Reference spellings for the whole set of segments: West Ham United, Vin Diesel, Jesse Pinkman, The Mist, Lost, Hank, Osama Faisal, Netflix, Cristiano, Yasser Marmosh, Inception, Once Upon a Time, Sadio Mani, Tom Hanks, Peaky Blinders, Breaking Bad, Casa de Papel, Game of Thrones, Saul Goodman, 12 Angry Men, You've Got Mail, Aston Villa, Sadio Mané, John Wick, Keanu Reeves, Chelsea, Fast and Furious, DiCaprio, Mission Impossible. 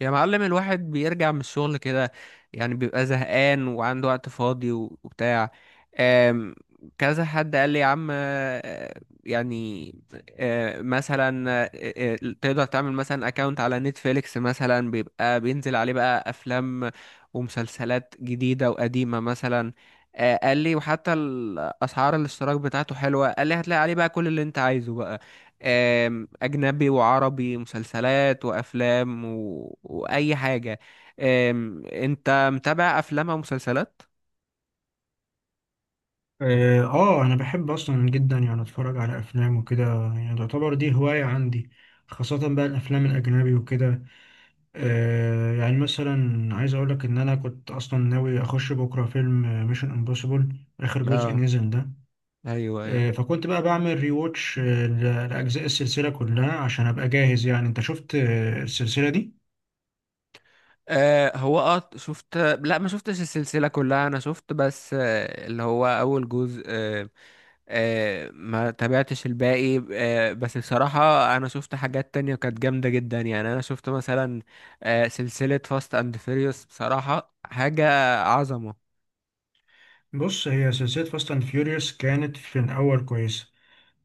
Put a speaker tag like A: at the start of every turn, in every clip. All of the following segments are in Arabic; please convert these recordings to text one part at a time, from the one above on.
A: يا معلم، الواحد بيرجع من الشغل كده يعني بيبقى زهقان وعنده وقت فاضي وبتاع. آم، كذا حد قال لي، يا عم، يعني آه، مثلا آه، آه، تقدر تعمل مثلا اكونت على نتفليكس. مثلا بيبقى بينزل عليه بقى افلام ومسلسلات جديدة وقديمة مثلا. قال لي وحتى الاسعار الاشتراك بتاعته حلوة. قال لي هتلاقي عليه بقى كل اللي انت عايزه بقى. أجنبي وعربي، مسلسلات وأفلام وأي حاجة. أنت متابع أفلام أو مسلسلات؟
B: انا بحب اصلا جدا يعني اتفرج على افلام وكده. يعني تعتبر دي هواية عندي، خاصة بقى الافلام الاجنبي وكده. يعني مثلا عايز اقول لك ان انا كنت اصلا ناوي اخش بكرة فيلم ميشن امبوسيبل، اخر جزء
A: اه،
B: نزل ده.
A: أيوه أيوه.
B: فكنت بقى بعمل ريواتش لاجزاء السلسلة كلها عشان ابقى جاهز. يعني انت شفت السلسلة دي؟
A: هو شفت، لا ما شفتش السلسلة كلها. أنا شفت بس اللي هو أول جزء. ما تابعتش الباقي. بس بصراحة أنا شفت حاجات تانية كانت جامدة جدا. يعني أنا شفت مثلا سلسلة فاست أند فيريوس، بصراحة حاجة عظمة.
B: بص، هي سلسلة فاست اند فيوريوس كانت في الاول كويسة،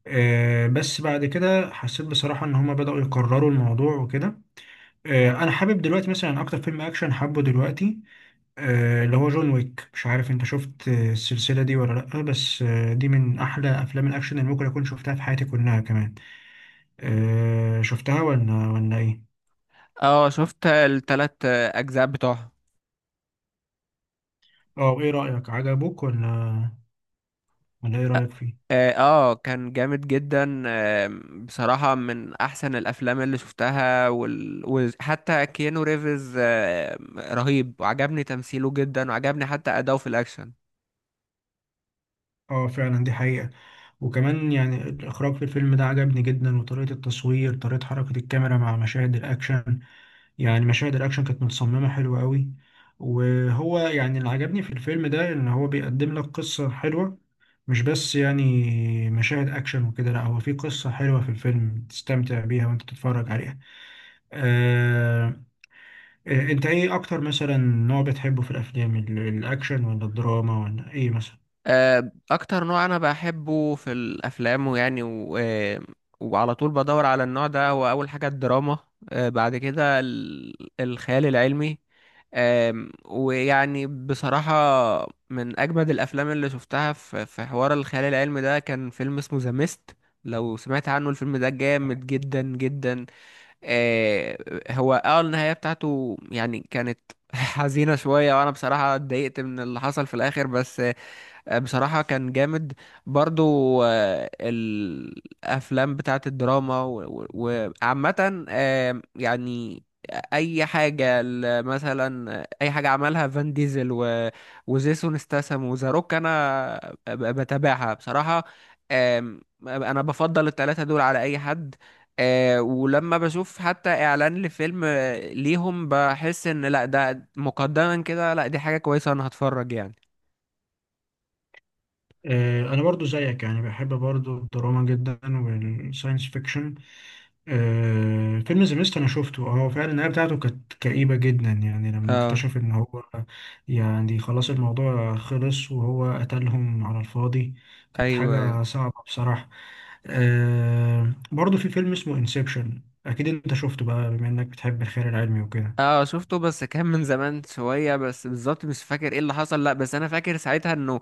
B: بس بعد كده حسيت بصراحة إن هما بدأوا يكرروا الموضوع وكده. انا حابب دلوقتي، مثلا اكتر فيلم اكشن حابه دلوقتي اللي هو جون ويك. مش عارف انت شفت السلسله دي ولا لا، بس دي من احلى افلام الاكشن اللي ممكن اكون شفتها في حياتي كلها كمان. شفتها ولا ايه؟
A: اه، شفت التلات اجزاء بتوعها.
B: اه وايه رايك؟ عجبك ولا؟ ولا ايه رايك فيه؟
A: اه، كان جامد جدا. بصراحة من احسن الافلام اللي شفتها وحتى كيانو ريفز رهيب، وعجبني تمثيله جدا، وعجبني حتى اداؤه في الاكشن.
B: اه فعلا دي حقيقه. وكمان يعني الاخراج في الفيلم ده عجبني جدا، وطريقه التصوير، طريقه حركه الكاميرا مع مشاهد الاكشن. يعني مشاهد الاكشن كانت متصممه حلوه قوي. وهو يعني اللي عجبني في الفيلم ده ان هو بيقدم لك قصه حلوه، مش بس يعني مشاهد اكشن وكده. لا، هو في قصه حلوه في الفيلم تستمتع بيها وانت تتفرج عليها. آه انت ايه اكتر مثلا نوع بتحبه في الافلام، الاكشن ولا الدراما ولا ايه مثلا؟
A: اكتر نوع انا بحبه في الافلام، ويعني و... آه، وعلى طول بدور على النوع ده، هو اول حاجة الدراما. بعد كده الخيال العلمي. ويعني بصراحة من أجمد الأفلام اللي شفتها في حوار الخيال العلمي ده كان فيلم اسمه ذا ميست. لو سمعت عنه، الفيلم ده جامد جدا جدا. آه، هو النهاية بتاعته يعني كانت حزينة شوية، وأنا بصراحة اتضايقت من اللي حصل في الآخر. بس بصراحة كان جامد برضو. الأفلام بتاعت الدراما وعامة يعني أي حاجة مثلا أي حاجة عملها فان ديزل وجيسون ستاثام وذا روك، أنا بتابعها بصراحة. آم، أنا بفضل التلاتة دول على أي حد. ولما بشوف حتى إعلان لفيلم ليهم، بحس إن لأ ده مقدما كده، لأ دي حاجة كويسة أنا هتفرج يعني.
B: انا برضو زيك، يعني بحب برضو الدراما جدا والساينس فيكشن. فيلم ذا ميست انا شفته، فعلا النهايه بتاعته كانت كئيبه جدا. يعني لما
A: اه،
B: اكتشف ان هو يعني خلاص الموضوع خلص وهو قتلهم على الفاضي، كانت
A: ايوه ايوه.
B: حاجه صعبه بصراحه. برضو في فيلم اسمه انسبشن، اكيد انت شفته بقى بما انك بتحب الخيال العلمي وكده.
A: اه، شفته بس كان من زمان شويه، بس بالظبط مش فاكر ايه اللي حصل. لا بس انا فاكر ساعتها انه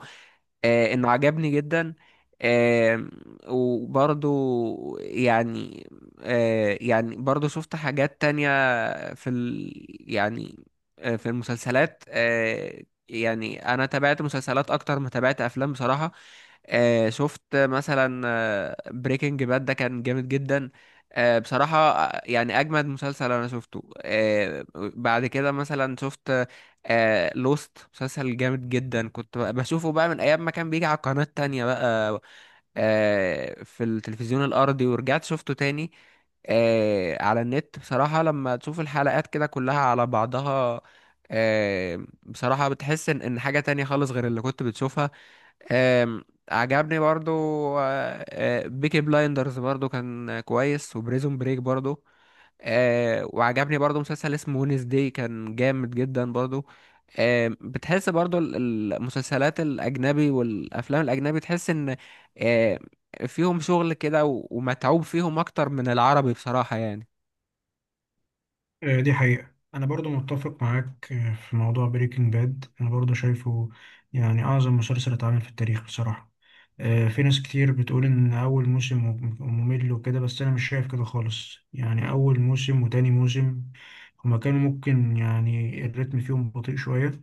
A: انه عجبني جدا. آه، وبرضو يعني يعني برضو شفت حاجات تانية في ال يعني في المسلسلات. يعني انا تابعت مسلسلات اكتر ما تابعت افلام بصراحة. شفت مثلا بريكنج باد، ده كان جامد جدا. بصراحة يعني أجمد مسلسل أنا شفته. بعد كده مثلا شفت لوست، مسلسل جامد جدا. كنت بشوفه بقى من ايام ما كان بيجي على قناة تانية بقى في التلفزيون الارضي. ورجعت شفته تاني على النت. بصراحة لما تشوف الحلقات كده كلها على بعضها بصراحة بتحس ان إن حاجة تانية خالص غير اللي كنت بتشوفها. آه عجبني برضو. بيكي بلايندرز برضو كان كويس، وبريزون بريك برضو. وعجبني برضو مسلسل اسمه ونس داي، كان جامد جدا برضو. بتحس برضو المسلسلات الأجنبي والأفلام الأجنبي تحس إن آه فيهم شغل كده ومتعوب فيهم أكتر من العربي، بصراحة يعني.
B: دي حقيقة، أنا برضو متفق معاك في موضوع بريكنج باد. أنا برضو شايفه يعني أعظم مسلسل اتعمل في التاريخ بصراحة. في ناس كتير بتقول إن أول موسم ممل وكده، بس أنا مش شايف كده خالص. يعني أول موسم وتاني موسم، هما كانوا ممكن يعني الريتم فيهم بطيء شوية،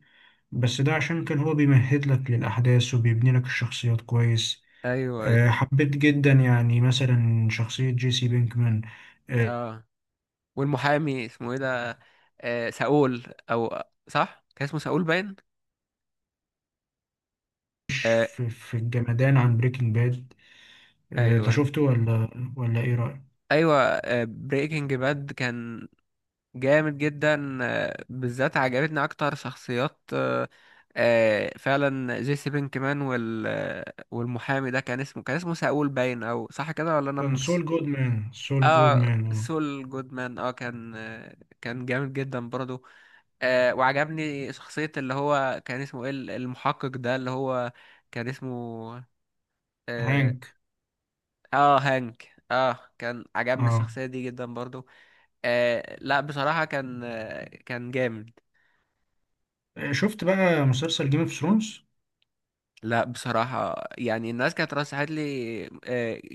B: بس ده عشان كان هو بيمهد لك للأحداث وبيبني لك الشخصيات كويس.
A: أيوه أيوه.
B: حبيت جدا يعني مثلا شخصية جيسي بينكمان.
A: آه والمحامي اسمه إيه ده؟ آه، ساول. أو صح، كان اسمه ساول باين. آه،
B: في الجمدان عن بريكنج باد، انت
A: أيوه
B: شفته؟ ولا ايه رأيك؟
A: أيوه، بريكنج باد كان جامد جدا. بالذات عجبتني اكتر شخصيات فعلا جيسي بينكمان، وال والمحامي ده كان اسمه، كان اسمه ساول باين او صح كده ولا انا
B: كان
A: مش.
B: سول جودمان، سول
A: اه،
B: جودمان،
A: سول جودمان، اه، كان كان جامد جدا برضو. وعجبني شخصية اللي هو كان اسمه ايه، المحقق ده اللي هو كان اسمه، اه،
B: هانك.
A: هانك. اه، كان عجبني
B: اه
A: الشخصية دي جدا برضو. لا بصراحة كان كان جامد.
B: شفت بقى مسلسل جيم اوف ثرونز؟
A: لا بصراحة يعني الناس كانت رشحت لي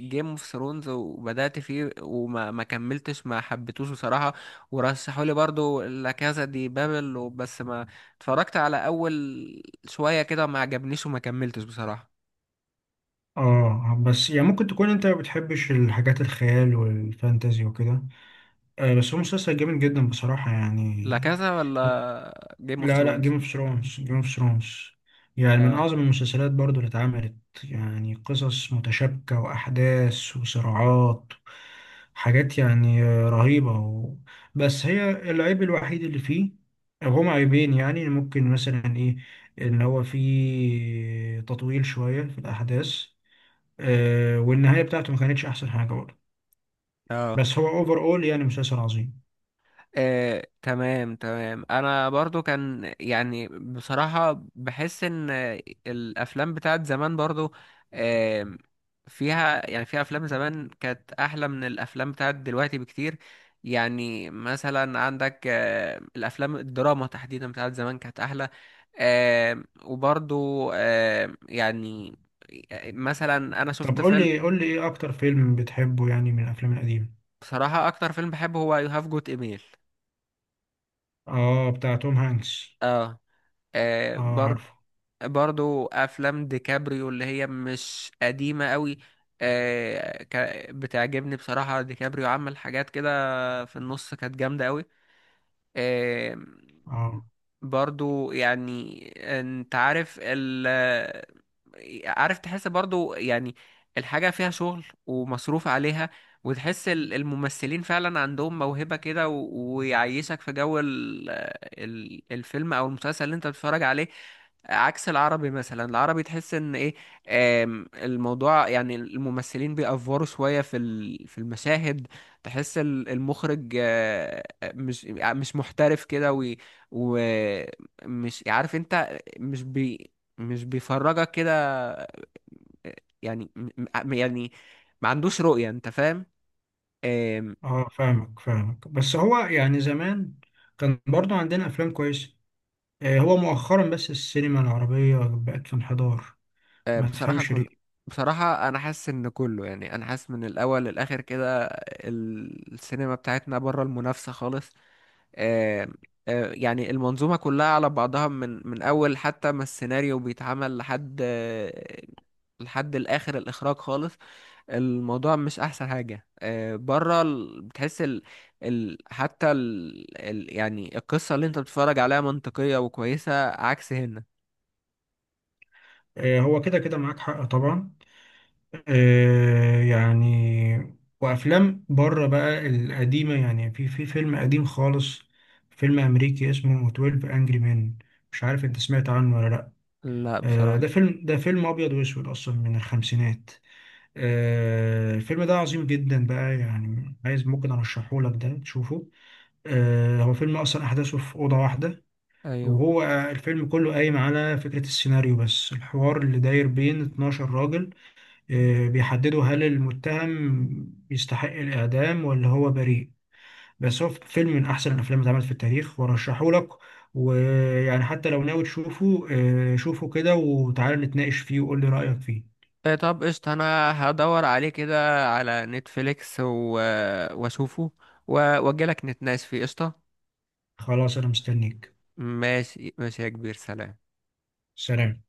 A: جيم اوف ثرونز، وبدأت فيه وما ما كملتش، ما حبيتوش بصراحة. ورشحوا لي برضو لا كازا دي بابل بس ما اتفرجت على أول شوية كده، ما عجبنيش وما كملتش بصراحة.
B: اه بس يعني ممكن تكون انت ما بتحبش الحاجات الخيال والفانتازي وكده، بس هو مسلسل جامد جدا بصراحة يعني.
A: لا كازا ولا جيم اوف
B: لا، لا،
A: ثرونز.
B: جيم اوف ثرونز، جيم اوف ثرونز يعني من اعظم المسلسلات برضو اللي اتعملت. يعني قصص متشابكة، واحداث، وصراعات، حاجات يعني رهيبة بس هي العيب الوحيد اللي فيه، او هما عيبين يعني، ممكن مثلا ايه؟ ان هو فيه تطويل شوية في الاحداث، والنهاية بتاعته ما كانتش احسن حاجة برضو.
A: اه،
B: بس هو اوفر اول يعني مسلسل عظيم.
A: تمام تمام، انا برضو كان يعني بصراحة بحس ان الافلام بتاعت زمان برضو آه، فيها يعني فيها افلام زمان كانت احلى من الافلام بتاعت دلوقتي بكتير. يعني مثلا عندك الافلام الدراما تحديدا بتاعت زمان كانت احلى. وبرضو يعني مثلا انا
B: طب
A: شفت
B: قول
A: فيلم.
B: لي، قول لي ايه اكتر فيلم بتحبه يعني من الافلام القديمة؟
A: بصراحة اكتر فيلم بحبه هو يو هاف جوت ايميل.
B: اه بتاع توم هانكس؟
A: اه،
B: اه،
A: برضو.
B: عارفه.
A: برضو افلام ديكابريو اللي هي مش قديمة قوي بتعجبني. بصراحة ديكابريو عمل حاجات كده في النص كانت جامدة قوي. آه،
B: اه،
A: برضو يعني، انت عارف عارف، تحس برضو يعني الحاجة فيها شغل ومصروف عليها، وتحس الممثلين فعلا عندهم موهبة كده ويعيشك في جو الفيلم او المسلسل اللي انت بتتفرج عليه. عكس العربي، مثلا العربي تحس ان ايه، الموضوع يعني الممثلين بيأفوروا شوية في المشاهد. تحس المخرج مش محترف كده. ومش عارف، انت مش بيفرجك كده. يعني يعني ما عندوش رؤية، انت فاهم؟ آم،
B: اه، فاهمك فاهمك، بس هو يعني زمان كان برضو عندنا افلام كويسه. هو مؤخرا بس السينما العربيه بقت في انحدار، ما
A: بصراحة
B: تفهمش
A: كله.
B: ليه؟
A: بصراحة أنا حاسس إن كله يعني، أنا حاسس من الأول للآخر كده السينما بتاعتنا بره المنافسة خالص. آه، يعني المنظومة كلها على بعضها، من أول حتى ما السيناريو بيتعمل لحد لحد الآخر الإخراج خالص. الموضوع مش أحسن حاجة بره بتحس حتى يعني القصة اللي أنت بتتفرج عليها منطقية وكويسة، عكس هنا.
B: هو كده كده معاك حق طبعا. يعني وافلام بره بقى القديمه، يعني في فيلم قديم خالص، فيلم امريكي اسمه 12 انجري مان، مش عارف انت سمعت عنه ولا لا.
A: لا بصراحة.
B: ده فيلم ابيض واسود اصلا من الخمسينات. الفيلم ده عظيم جدا بقى، يعني عايز ممكن ارشحه لك ده تشوفه. هو فيلم اصلا احداثه في اوضه واحده،
A: أيوه.
B: وهو الفيلم كله قايم على فكرة السيناريو بس، الحوار اللي داير بين 12 راجل بيحددوا هل المتهم يستحق الإعدام ولا هو بريء. بس هو فيلم من أحسن الأفلام اللي اتعملت في التاريخ، وأرشحه لك. ويعني حتى لو ناوي تشوفه شوفه كده، وتعالى نتناقش فيه، وقول لي رأيك فيه.
A: إيه، طب قشطة، أنا هدور عليه كده على نتفليكس وأشوفه، وأجيلك نتناقش فيه، قشطة.
B: خلاص، أنا مستنيك.
A: ماشي ماشي يا كبير، سلام.
B: سلام.